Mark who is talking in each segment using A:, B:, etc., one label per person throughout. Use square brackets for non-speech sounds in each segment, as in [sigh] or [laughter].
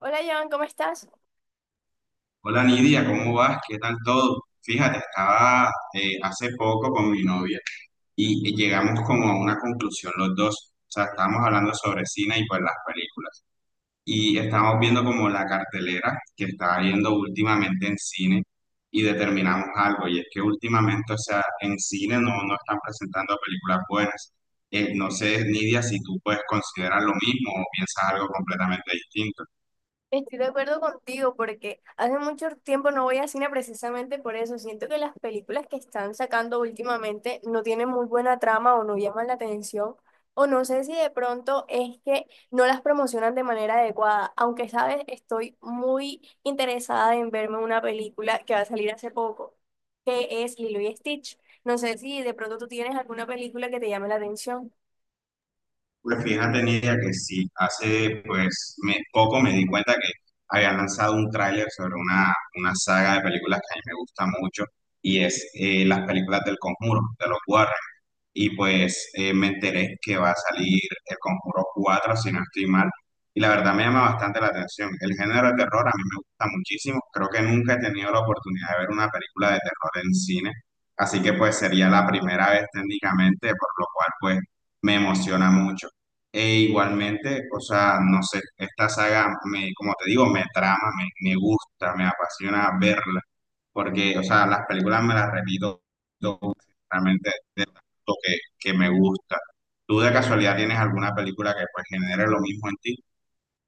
A: Hola, Joan, ¿cómo estás?
B: Hola Nidia, ¿cómo vas? ¿Qué tal todo? Fíjate, estaba hace poco con mi novia y llegamos como a una conclusión los dos. O sea, estábamos hablando sobre cine y pues las películas. Y estábamos viendo como la cartelera que estaba viendo últimamente en cine y determinamos algo. Y es que últimamente, o sea, en cine no, no están presentando películas buenas. No sé, Nidia, si tú puedes considerar lo mismo o piensas algo completamente distinto.
A: Estoy de acuerdo contigo porque hace mucho tiempo no voy a cine precisamente por eso. Siento que las películas que están sacando últimamente no tienen muy buena trama o no llaman la atención. O no sé si de pronto es que no las promocionan de manera adecuada. Aunque, sabes, estoy muy interesada en verme una película que va a salir hace poco, que es Lilo y Stitch. No sé si de pronto tú tienes alguna película que te llame la atención.
B: Pues fíjate, Nidia, que sí, hace pues poco me di cuenta que habían lanzado un tráiler sobre una saga de películas que a mí me gusta mucho y es las películas del Conjuro, de los Warren, y pues me enteré que va a salir El Conjuro 4 si no estoy mal, y la verdad me llama bastante la atención. El género de terror a mí me gusta muchísimo, creo que nunca he tenido la oportunidad de ver una película de terror en cine, así que pues sería la primera vez técnicamente, por lo cual pues me emociona mucho. E igualmente, o sea, no sé, esta saga me, como te digo, me trama, me gusta, me apasiona verla porque, o sea, las películas me las repito realmente de lo que me gusta. ¿Tú de casualidad tienes alguna película que pues genere lo mismo en ti?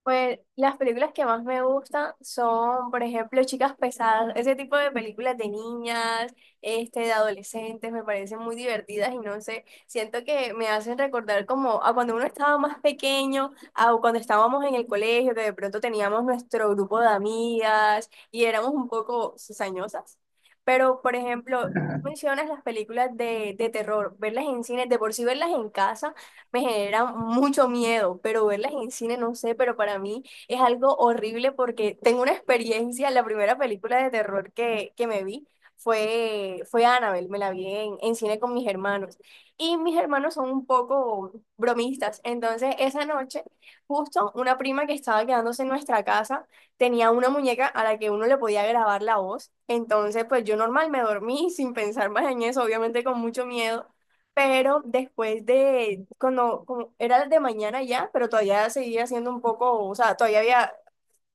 A: Pues las películas que más me gustan son, por ejemplo, Chicas Pesadas, ese tipo de películas de niñas, este, de adolescentes, me parecen muy divertidas y no sé, siento que me hacen recordar como a cuando uno estaba más pequeño, a cuando estábamos en el colegio, que de pronto teníamos nuestro grupo de amigas y éramos un poco cizañosas. Pero, por ejemplo, mencionas las películas de terror, verlas en cine, de por sí verlas en casa me genera mucho miedo, pero verlas en cine no sé, pero para mí es algo horrible porque tengo una experiencia, la primera película de terror que me vi fue Annabelle, me la vi en cine con mis hermanos y mis hermanos son un poco bromistas, entonces esa noche justo una prima que estaba quedándose en nuestra casa tenía una muñeca a la que uno le podía grabar la voz, entonces pues yo normal me dormí [laughs] sin pensar más en eso, obviamente con mucho miedo. Pero después de, cuando como era de mañana ya, pero todavía seguía siendo un poco, o sea, todavía había,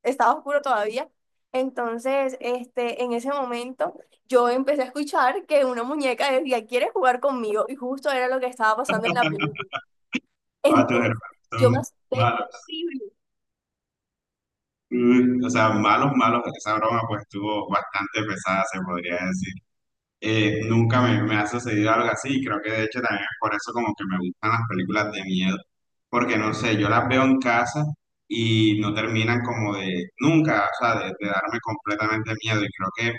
A: estaba oscuro todavía. Entonces, este, en ese momento, yo empecé a escuchar que una muñeca decía, ¿quieres jugar conmigo? Y justo era lo que estaba pasando en la película.
B: Ah, tus hermanos
A: Entonces, yo me
B: son
A: asusté.
B: malos. Uy, o sea, malos, malos. Esa broma pues estuvo bastante pesada, se podría decir. Nunca me ha sucedido algo así y creo que de hecho también es por eso como que me gustan las películas de miedo. Porque no sé, yo las veo en casa y no terminan como de nunca, o sea, de darme completamente miedo. Y creo que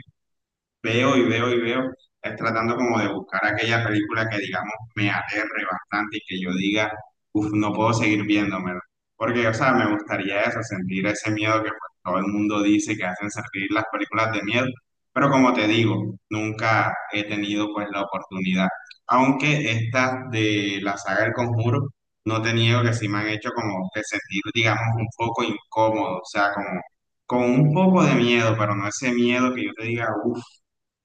B: veo y veo y veo, es tratando como de buscar aquella película que digamos me aterre bastante y que yo diga, uff, no puedo seguir viéndomela. Porque, o sea, me gustaría eso, sentir ese miedo que pues, todo el mundo dice que hacen sentir las películas de miedo. Pero como te digo, nunca he tenido pues la oportunidad. Aunque estas de la saga El Conjuro, no te niego que sí me han hecho como que sentir, digamos, un poco incómodo, o sea, como con un poco de miedo, pero no ese miedo que yo te diga, uff,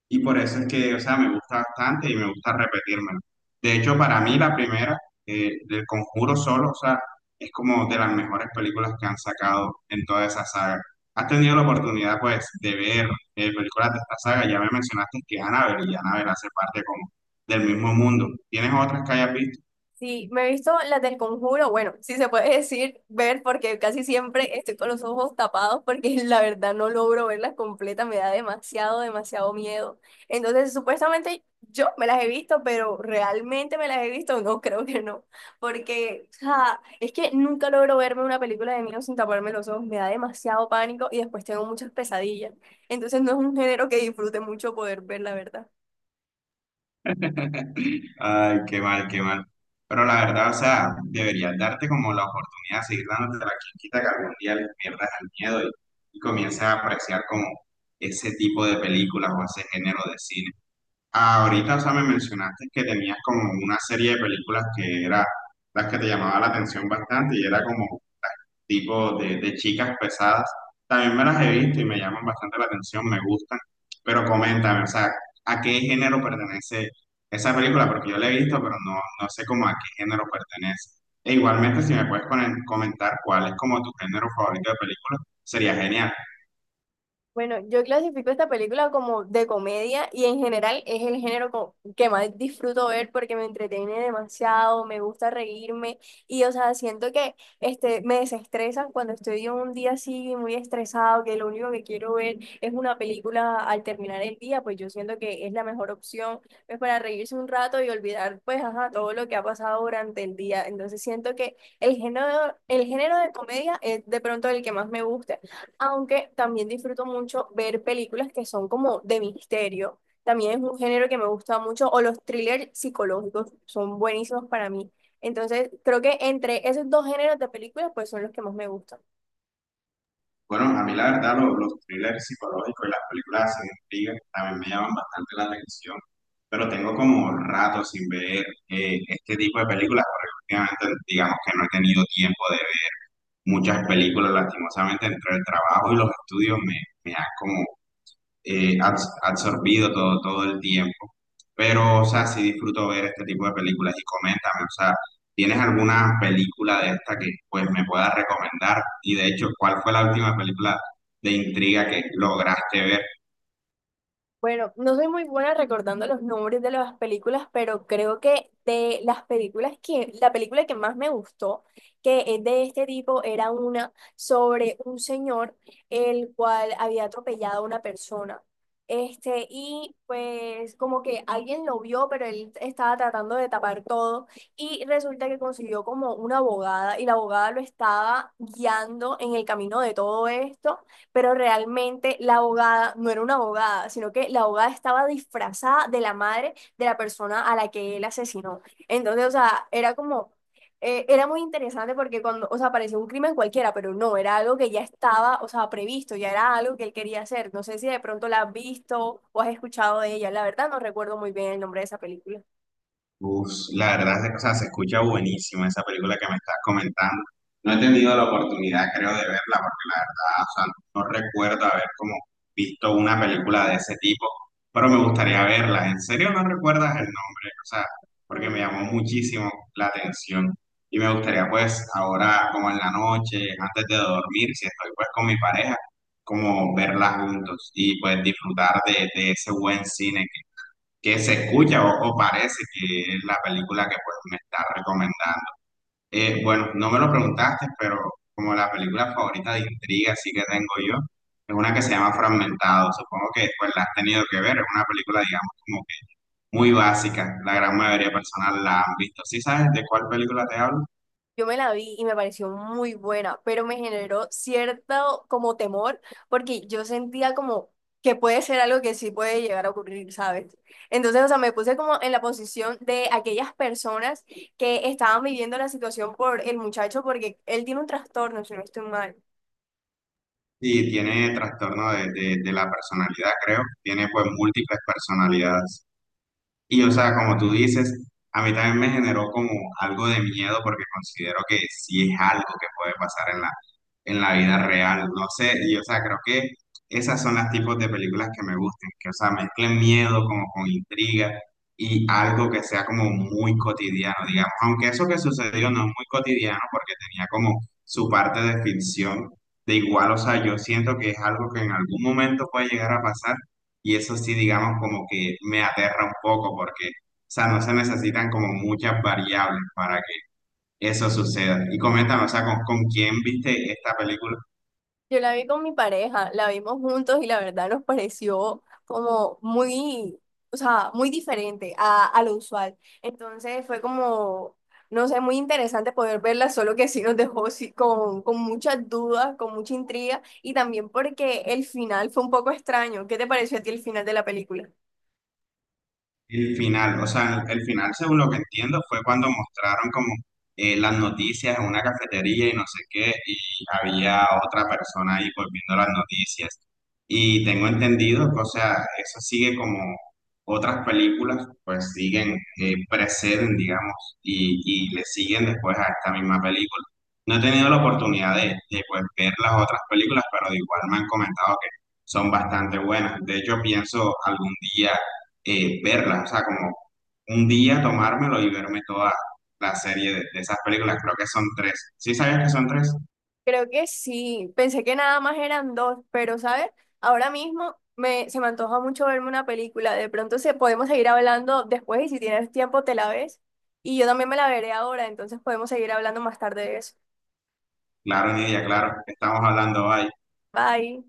B: y por eso es que, o sea, me gusta bastante y me gusta repetírmelo. De hecho, para mí la primera, del Conjuro solo, o sea, es como de las mejores películas que han sacado en toda esa saga. ¿Has tenido la oportunidad, pues, de ver películas de esta saga? Ya me mencionaste que Annabelle y Annabelle hace parte como del mismo mundo. ¿Tienes otras que hayas visto?
A: Sí, me he visto las del Conjuro, bueno, si se puede [laughs] decir ver porque casi siempre estoy con los ojos tapados porque [laughs] la verdad no logro verlas completas, me da demasiado, demasiado miedo. Entonces, supuestamente yo me las he visto, pero realmente me las he visto, no, [laughs] creo que no, porque ja, es que nunca logro verme una película de miedo sin taparme los ojos, me da demasiado pánico y después tengo muchas pesadillas. Entonces, no es un género que disfrute mucho poder ver, la verdad.
B: Ay, qué mal, qué mal. Pero la verdad, o sea, deberías darte como la oportunidad de seguir dándote la quita que algún día le pierdas el miedo y comiences a apreciar como ese tipo de películas o ese género de cine. Ahorita, o sea, me mencionaste que tenías como una serie de películas que era las que te llamaba la atención bastante y era como tipo de chicas pesadas. También me las he visto y me llaman bastante la atención, me gustan. Pero coméntame, o sea, ¿a qué género pertenece esa película? Porque yo la he visto, pero no, no sé cómo a qué género pertenece. E igualmente, si me puedes comentar cuál es como tu género favorito de película, sería genial.
A: Bueno, yo clasifico esta película como de comedia y en general es el género que más disfruto ver porque me entretiene demasiado, me gusta reírme y o sea, siento que este, me desestresan cuando estoy en un día así muy estresado, que lo único que quiero ver es una película al terminar el día, pues yo siento que es la mejor opción, pues para reírse un rato y olvidar pues ajá, todo lo que ha pasado durante el día. Entonces siento que el género de comedia es de pronto el que más me gusta aunque también disfruto mucho ver películas que son como de misterio. También es un género que me gusta mucho, o los thrillers psicológicos son buenísimos para mí. Entonces, creo que entre esos dos géneros de películas, pues son los que más me gustan.
B: Bueno, a mí la verdad los thrillers psicológicos y las películas así de intriga también me llaman bastante la atención, pero tengo como rato sin ver este tipo de películas porque últimamente digamos que no he tenido tiempo de ver muchas películas, lastimosamente entre el trabajo y los estudios me, me ha como absorbido todo, todo el tiempo. Pero, o sea, sí disfruto ver este tipo de películas y coméntame, o sea, ¿tienes alguna película de esta que pues me puedas recomendar? Y de hecho, ¿cuál fue la última película de intriga que lograste ver?
A: Bueno, no soy muy buena recordando los nombres de las películas, pero creo que de las películas que, la película que más me gustó, que es de este tipo, era una sobre un señor el cual había atropellado a una persona. Este, y pues como que alguien lo vio, pero él estaba tratando de tapar todo y resulta que consiguió como una abogada y la abogada lo estaba guiando en el camino de todo esto pero realmente la abogada no era una abogada, sino que la abogada estaba disfrazada de la madre de la persona a la que él asesinó. Entonces, o sea, era como, era muy interesante porque cuando, o sea, parecía un crimen cualquiera, pero no, era algo que ya estaba, o sea, previsto, ya era algo que él quería hacer. No sé si de pronto la has visto o has escuchado de ella, la verdad no recuerdo muy bien el nombre de esa película.
B: Uf, la verdad, o sea, se escucha buenísimo esa película que me estás comentando. No he tenido la oportunidad, creo, de verla, porque la verdad, o sea, no recuerdo haber como visto una película de ese tipo, pero me gustaría verla. ¿En serio no recuerdas el nombre? O sea, porque me
A: Bueno.
B: llamó muchísimo la atención y me gustaría, pues, ahora, como en la noche, antes de dormir, si estoy, pues, con mi pareja, como verla juntos y, pues, disfrutar de ese buen cine que se escucha o parece que es la película que pues me está recomendando. Bueno, no me lo preguntaste, pero como la película favorita de intriga así que tengo yo, es una que se llama Fragmentado. Supongo que pues la has tenido que ver, es una película digamos como que muy básica, la gran mayoría de personas la han visto. ¿Sí sabes de cuál película te hablo?
A: Yo me la vi y me pareció muy buena, pero me generó cierto como temor porque yo sentía como que puede ser algo que sí puede llegar a ocurrir, ¿sabes? Entonces, o sea, me puse como en la posición de aquellas personas que estaban viviendo la situación por el muchacho porque él tiene un trastorno, si no estoy mal.
B: Sí, tiene trastorno de, de la personalidad, creo. Tiene pues múltiples personalidades. Y o sea, como tú dices, a mí también me generó como algo de miedo porque considero que sí es algo que puede pasar en la vida real. No sé, y o sea, creo que esas son las tipos de películas que me gustan, que o sea, mezclen miedo como con intriga y algo que sea como muy cotidiano, digamos. Aunque eso que sucedió no es muy cotidiano porque tenía como su parte de ficción. De igual, o sea, yo siento que es algo que en algún momento puede llegar a pasar y eso sí, digamos, como que me aterra un poco porque, o sea, no se necesitan como muchas variables para que eso suceda. Y coméntame, o sea, ¿con quién viste esta película?
A: Yo la vi con mi pareja, la vimos juntos y la verdad nos pareció como muy, o sea, muy diferente a lo usual. Entonces fue como, no sé, muy interesante poder verla, solo que sí nos dejó sí, con muchas dudas, con mucha intriga y también porque el final fue un poco extraño. ¿Qué te pareció a ti el final de la película?
B: El final, o sea, el final, según lo que entiendo, fue cuando mostraron como las noticias en una cafetería y no sé qué, y había otra persona ahí volviendo las noticias. Y tengo entendido que, o sea, eso sigue como otras películas, pues siguen, preceden, digamos, y, y le siguen después a esta misma película. No he tenido la oportunidad de, pues, ver las otras películas, pero de igual me han comentado que son bastante buenas. De hecho, pienso algún día verlas, o sea, como un día tomármelo y verme toda la serie de esas películas, creo que son tres. ¿Sí sabías que son tres?
A: Creo que sí, pensé que nada más eran dos, pero ¿sabes? Ahora mismo me, se me antoja mucho verme una película. De pronto se, podemos seguir hablando después y si tienes tiempo te la ves. Y yo también me la veré ahora, entonces podemos seguir hablando más tarde de eso.
B: Claro, Nidia, claro, estamos hablando hoy.
A: Bye.